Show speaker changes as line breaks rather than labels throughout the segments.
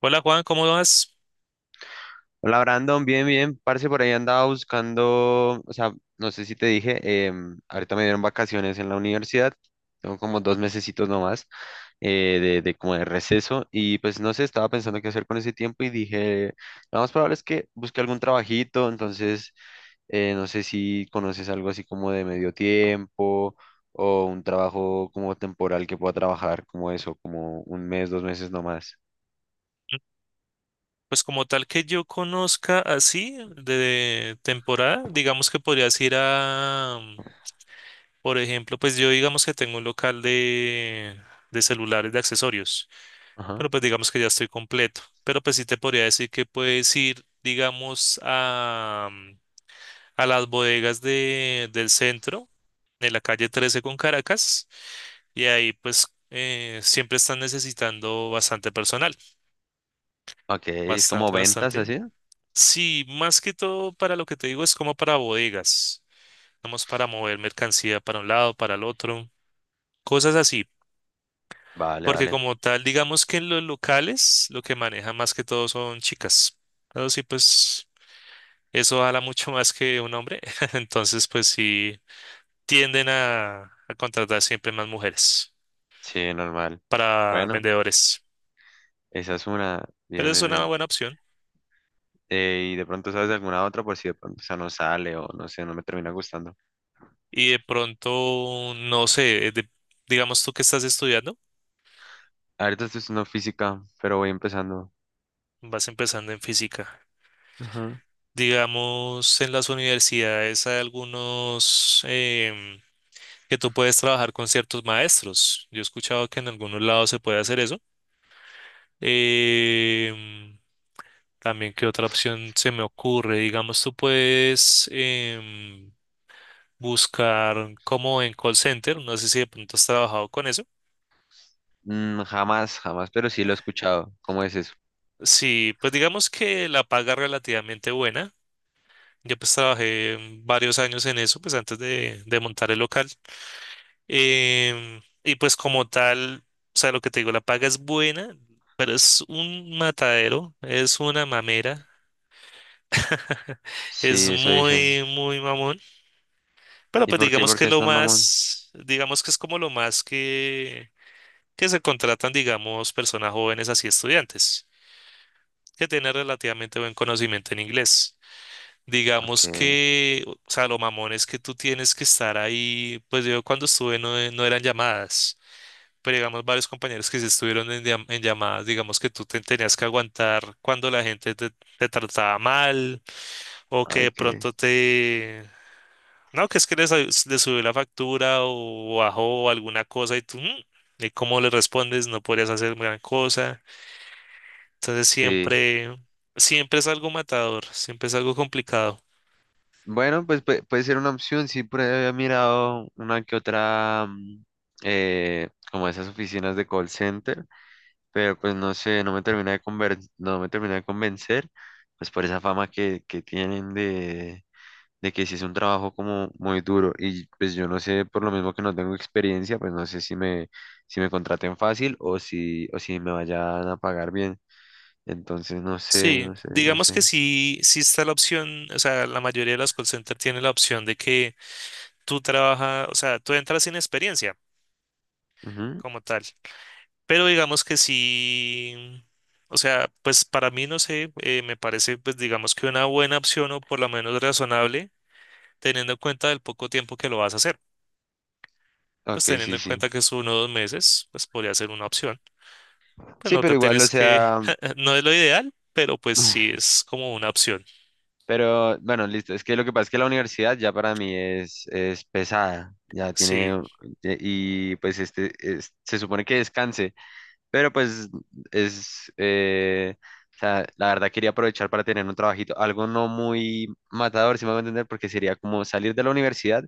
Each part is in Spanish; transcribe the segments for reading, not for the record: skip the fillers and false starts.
Hola Juan, ¿cómo vas?
Hola Brandon, bien, bien, parce, por ahí andaba buscando, o sea, no sé si te dije, ahorita me dieron vacaciones en la universidad, tengo como dos mesecitos nomás de, como de receso y pues no sé, estaba pensando qué hacer con ese tiempo y dije, lo más probable es que busque algún trabajito, entonces no sé si conoces algo así como de medio tiempo o un trabajo como temporal que pueda trabajar como eso, como un mes, dos meses nomás.
Pues como tal que yo conozca así de temporada, digamos que podrías ir a, por ejemplo, pues yo digamos que tengo un local de celulares, de accesorios,
Ajá.
pero pues digamos que ya estoy completo. Pero pues sí te podría decir que puedes ir, digamos, a, a las bodegas del centro, de la calle 13 con Caracas, y ahí pues siempre están necesitando bastante personal,
Ok, es como
bastante,
ventas
bastante.
así.
Sí, más que todo para lo que te digo es como para bodegas, vamos para mover mercancía para un lado, para el otro, cosas así,
Vale,
porque
vale.
como tal, digamos que en los locales lo que manejan más que todo son chicas, pero sí, pues eso habla mucho más que un hombre, entonces pues sí tienden a contratar siempre más mujeres
Sí, normal.
para
Bueno,
vendedores,
esa es una.
pero
Bien,
es
bien,
una
bien.
buena opción
Y de pronto sabes de alguna otra por si de pronto esa no sale o no sé, no me termina gustando.
y de pronto, no sé, digamos tú que estás estudiando,
Ahorita estoy estudiando física, pero voy empezando.
vas empezando en física.
Ajá.
Digamos, en las universidades hay algunos que tú puedes trabajar con ciertos maestros. Yo he escuchado que en algunos lados se puede hacer eso. Em, también, ¿qué otra opción se me ocurre? Digamos, tú puedes buscar como en call center. No sé si de pronto has trabajado con eso.
Mm, jamás, jamás, pero sí lo he escuchado. ¿Cómo es eso?
Sí, pues digamos que la paga es relativamente buena. Yo pues trabajé varios años en eso, pues antes de montar el local. Y pues como tal, o sea, lo que te digo, la paga es buena, pero es un matadero, es una mamera,
Sí,
es
eso dicen.
muy, muy mamón. Pero
¿Y
pues
por qué?
digamos
¿Por
que
qué es
lo
tan mamón?
más, digamos que es como lo más que se contratan, digamos, personas jóvenes así estudiantes, que tienen relativamente buen conocimiento en inglés.
Ok,
Digamos que, o sea, lo mamón es que tú tienes que estar ahí, pues yo cuando estuve no, no eran llamadas. Pero digamos varios compañeros que sí estuvieron en, en llamadas, digamos que tú te tenías que aguantar cuando la gente te, te trataba mal o que de
ok.
pronto te... No, que es que les subió la factura o bajó alguna cosa y tú, "Mm", ¿y cómo le respondes? No podrías hacer gran cosa. Entonces
Sí.
siempre, siempre es algo matador, siempre es algo complicado.
Bueno, pues puede ser una opción. Sí, por ahí había mirado una que otra, mm, como esas oficinas de call center, pero pues no sé, no me termina de no me termina de convencer, pues por esa fama que tienen de que sí es un trabajo como muy duro y pues yo no sé, por lo mismo que no tengo experiencia, pues no sé si me, si me contraten fácil o si me vayan a pagar bien, entonces no sé,
Sí,
no sé, no
digamos que
sé.
sí, sí está la opción, o sea, la mayoría de las call centers tiene la opción de que tú trabajas, o sea, tú entras sin experiencia,
Ujú.
como tal. Pero digamos que sí, o sea, pues para mí, no sé, me parece, pues digamos que una buena opción o por lo menos razonable, teniendo en cuenta el poco tiempo que lo vas a hacer. Pues
Ok,
teniendo
sí,
en
sí.
cuenta que es uno o dos meses, pues podría ser una opción. Pues
Sí,
no te
pero igual, o
tienes que,
sea,
no es lo ideal, pero pues sí es como una opción.
pero bueno, listo. Es que lo que pasa es que la universidad ya para mí es pesada. Ya
Sí,
tiene, y pues se supone que descanse, pero pues es, o sea, la verdad quería aprovechar para tener un trabajito, algo no muy matador, si me voy a entender, porque sería como salir de la universidad,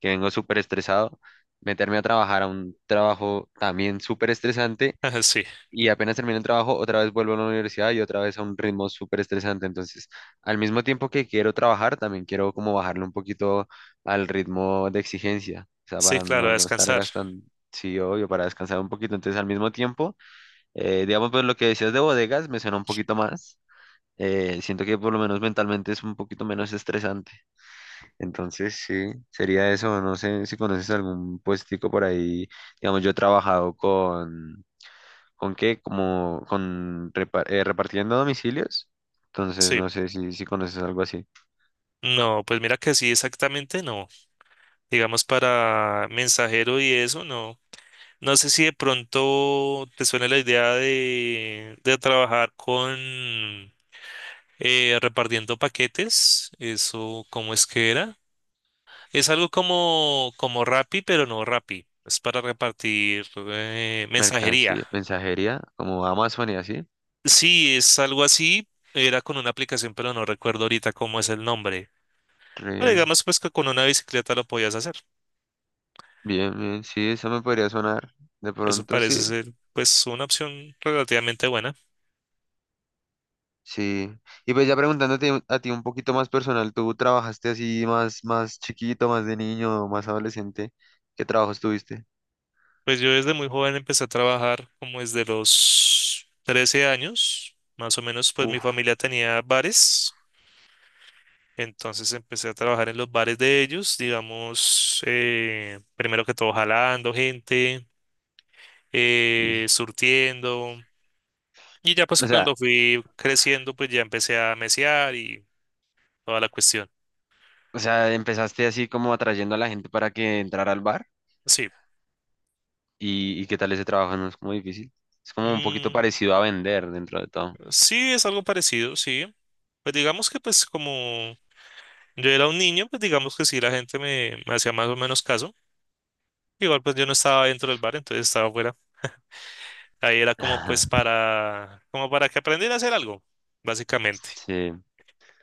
que vengo súper estresado, meterme a trabajar a un trabajo también súper estresante
sí,
y apenas termino el trabajo, otra vez vuelvo a la universidad y otra vez a un ritmo súper estresante. Entonces, al mismo tiempo que quiero trabajar, también quiero como bajarle un poquito al ritmo de exigencia, o sea,
sí,
para
claro, a
no, no estar
descansar.
gastando, sí, obvio, para descansar un poquito. Entonces, al mismo tiempo, digamos, pues lo que decías de bodegas me suena un poquito más. Eh, siento que por lo menos mentalmente es un poquito menos estresante. Entonces, sí, sería eso. No sé si conoces algún puestico por ahí. Digamos, yo he trabajado con ¿con qué? Como con repartiendo domicilios. Entonces, no
Sí.
sé si, si conoces algo así.
No, pues mira que sí, exactamente no. Digamos para mensajero y eso, no. No sé si de pronto te suena la idea de trabajar con repartiendo paquetes. Eso, ¿cómo es que era? Es algo como, como Rappi, pero no Rappi. Es para repartir mensajería.
Mercancía, mensajería, como Amazon y así.
Sí, es algo así. Era con una aplicación, pero no recuerdo ahorita cómo es el nombre. Pero
Re-
digamos pues que con una bicicleta lo podías hacer.
Bien, bien. Sí, eso me podría sonar. De
Eso
pronto,
parece
sí.
ser pues una opción relativamente buena.
Sí. Y pues ya preguntándote a ti un poquito más personal, ¿tú trabajaste así más, más chiquito, más de niño, más adolescente? ¿Qué trabajos tuviste?
Pues yo desde muy joven empecé a trabajar como desde los 13 años, más o menos, pues mi
Uf.
familia tenía bares, entonces empecé a trabajar en los bares de ellos, digamos, primero que todo jalando gente,
y-
surtiendo, y ya pues
O sea,
cuando fui creciendo, pues ya empecé a mesear y toda la cuestión.
o sea, empezaste así como atrayendo a la gente para que entrara al bar.
Sí,
Y qué tal ese trabajo? ¿No es como difícil? Es como un poquito
mm,
parecido a vender dentro de todo.
sí, es algo parecido, sí. Pues digamos que pues como yo era un niño, pues digamos que sí, la gente me hacía más o menos caso. Igual pues yo no estaba dentro del bar, entonces estaba afuera. Ahí era como pues para, como para que aprendiera a hacer algo, básicamente.
Sí,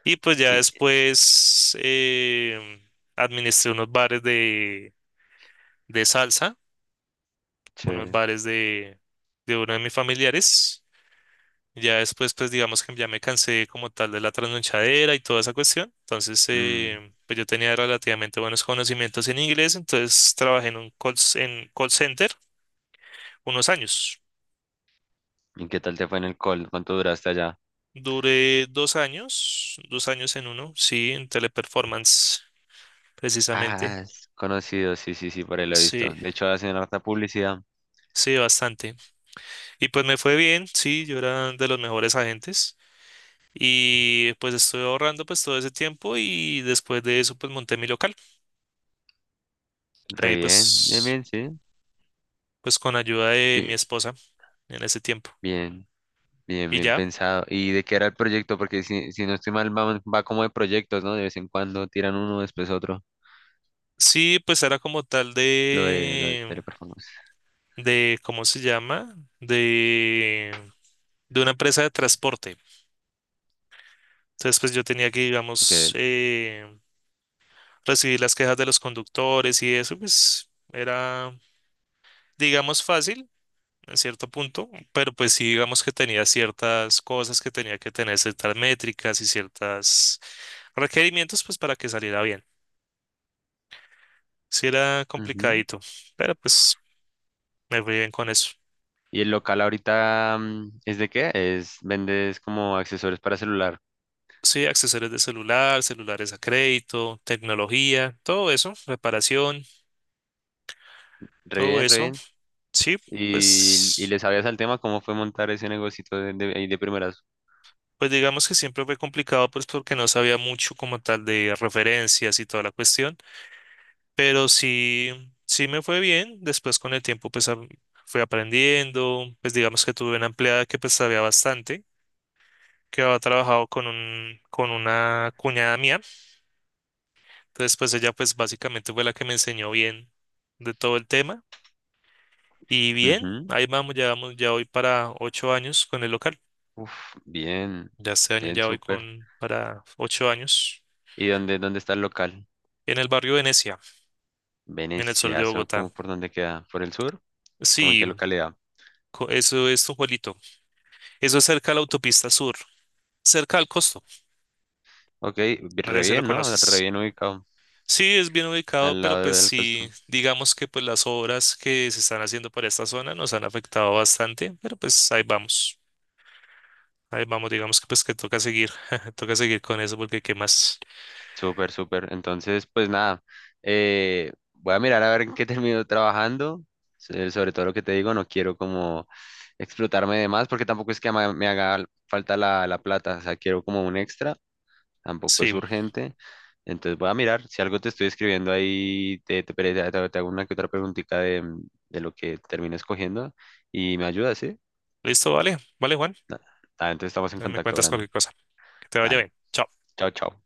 Y pues ya
y,
después administré unos bares de salsa, unos
chévere.
bares de uno de mis familiares. Ya después pues digamos que ya me cansé como tal de la trasnochadera y toda esa cuestión. Entonces
Mm,
pues yo tenía relativamente buenos conocimientos en inglés, entonces trabajé en un en call center unos años.
¿y qué tal te fue en el call? ¿Cuánto duraste allá?
Duré 2 años, 2 años en uno, sí, en teleperformance, precisamente.
Ah, es conocido, sí, sí, sí, por ahí lo he
Sí,
visto. De hecho, hacen harta publicidad.
sí, bastante. Y pues me fue bien, sí, yo era de los mejores agentes. Y pues estuve ahorrando pues todo ese tiempo y después de eso pues monté mi local.
Re
Ahí
bien, bien,
pues,
bien, sí.
pues con ayuda de mi
Bien,
esposa en ese tiempo.
bien, bien,
Y
bien
ya,
pensado. ¿Y de qué era el proyecto? Porque si, si no estoy mal, va, va como de proyectos, ¿no? De vez en cuando tiran uno, después otro.
sí, pues era como tal
Lo de teleperformance.
¿cómo se llama? De, de una empresa de transporte. Entonces, pues yo tenía que, digamos,
Ok.
recibir las quejas de los conductores y eso, pues era, digamos, fácil en cierto punto, pero pues sí, digamos que tenía ciertas cosas que tenía que tener, ciertas métricas y ciertos requerimientos, pues para que saliera bien. Sí era complicadito, pero pues me fui bien con eso.
Y el local ahorita mm, ¿es de qué? ¿Es vendes como accesorios para celular?
Sí, accesorios de celular, celulares a crédito, tecnología, todo eso, reparación,
Re
todo
bien, re
eso.
bien.
Sí,
Y
pues
le sabías al tema, ¿cómo fue montar ese negocito de, ahí de primeras?
pues digamos que siempre fue complicado, pues porque no sabía mucho como tal de referencias y toda la cuestión, pero sí, sí me fue bien. Después con el tiempo, pues fui aprendiendo, pues digamos que tuve una empleada que pues sabía bastante, que había trabajado con un, con una cuñada mía. Entonces, pues ella pues básicamente fue la que me enseñó bien de todo el tema. Y bien,
Ujú.
ahí vamos, ya voy para 8 años con el local.
Uf, bien,
Ya este año
bien,
ya voy
súper.
con para 8 años
¿Y dónde, dónde está el local?
en el barrio Venecia, en el sur de
Veneciazo,
Bogotá.
¿cómo por dónde queda? ¿Por el sur? ¿Cómo en qué
Sí,
localidad?
eso es un Juelito. Eso es cerca de la autopista sur, cerca al costo.
Ok,
No
re
sé si lo
bien, ¿no? Re
conoces.
bien ubicado,
Sí, es bien ubicado,
al
pero
lado
pues
del
sí,
costo.
digamos que pues las obras que se están haciendo por esta zona nos han afectado bastante, pero pues ahí vamos. Ahí vamos, digamos que pues que toca seguir, toca seguir con eso porque qué más.
Súper, súper. Entonces, pues nada, voy a mirar a ver en qué termino trabajando. Sobre todo lo que te digo, no quiero como explotarme de más porque tampoco es que me haga falta la, la plata. O sea, quiero como un extra, tampoco
Sí,
es urgente. Entonces voy a mirar, si algo te estoy escribiendo ahí, te, te hago una que otra preguntita de lo que termino escogiendo y me ayudas, ¿sí?
listo, vale, vale, Juan.
Ah, entonces estamos en
Me
contacto,
cuentas
Brandon.
cualquier cosa. Que te vaya
Dale,
bien. Chao.
chao, chao.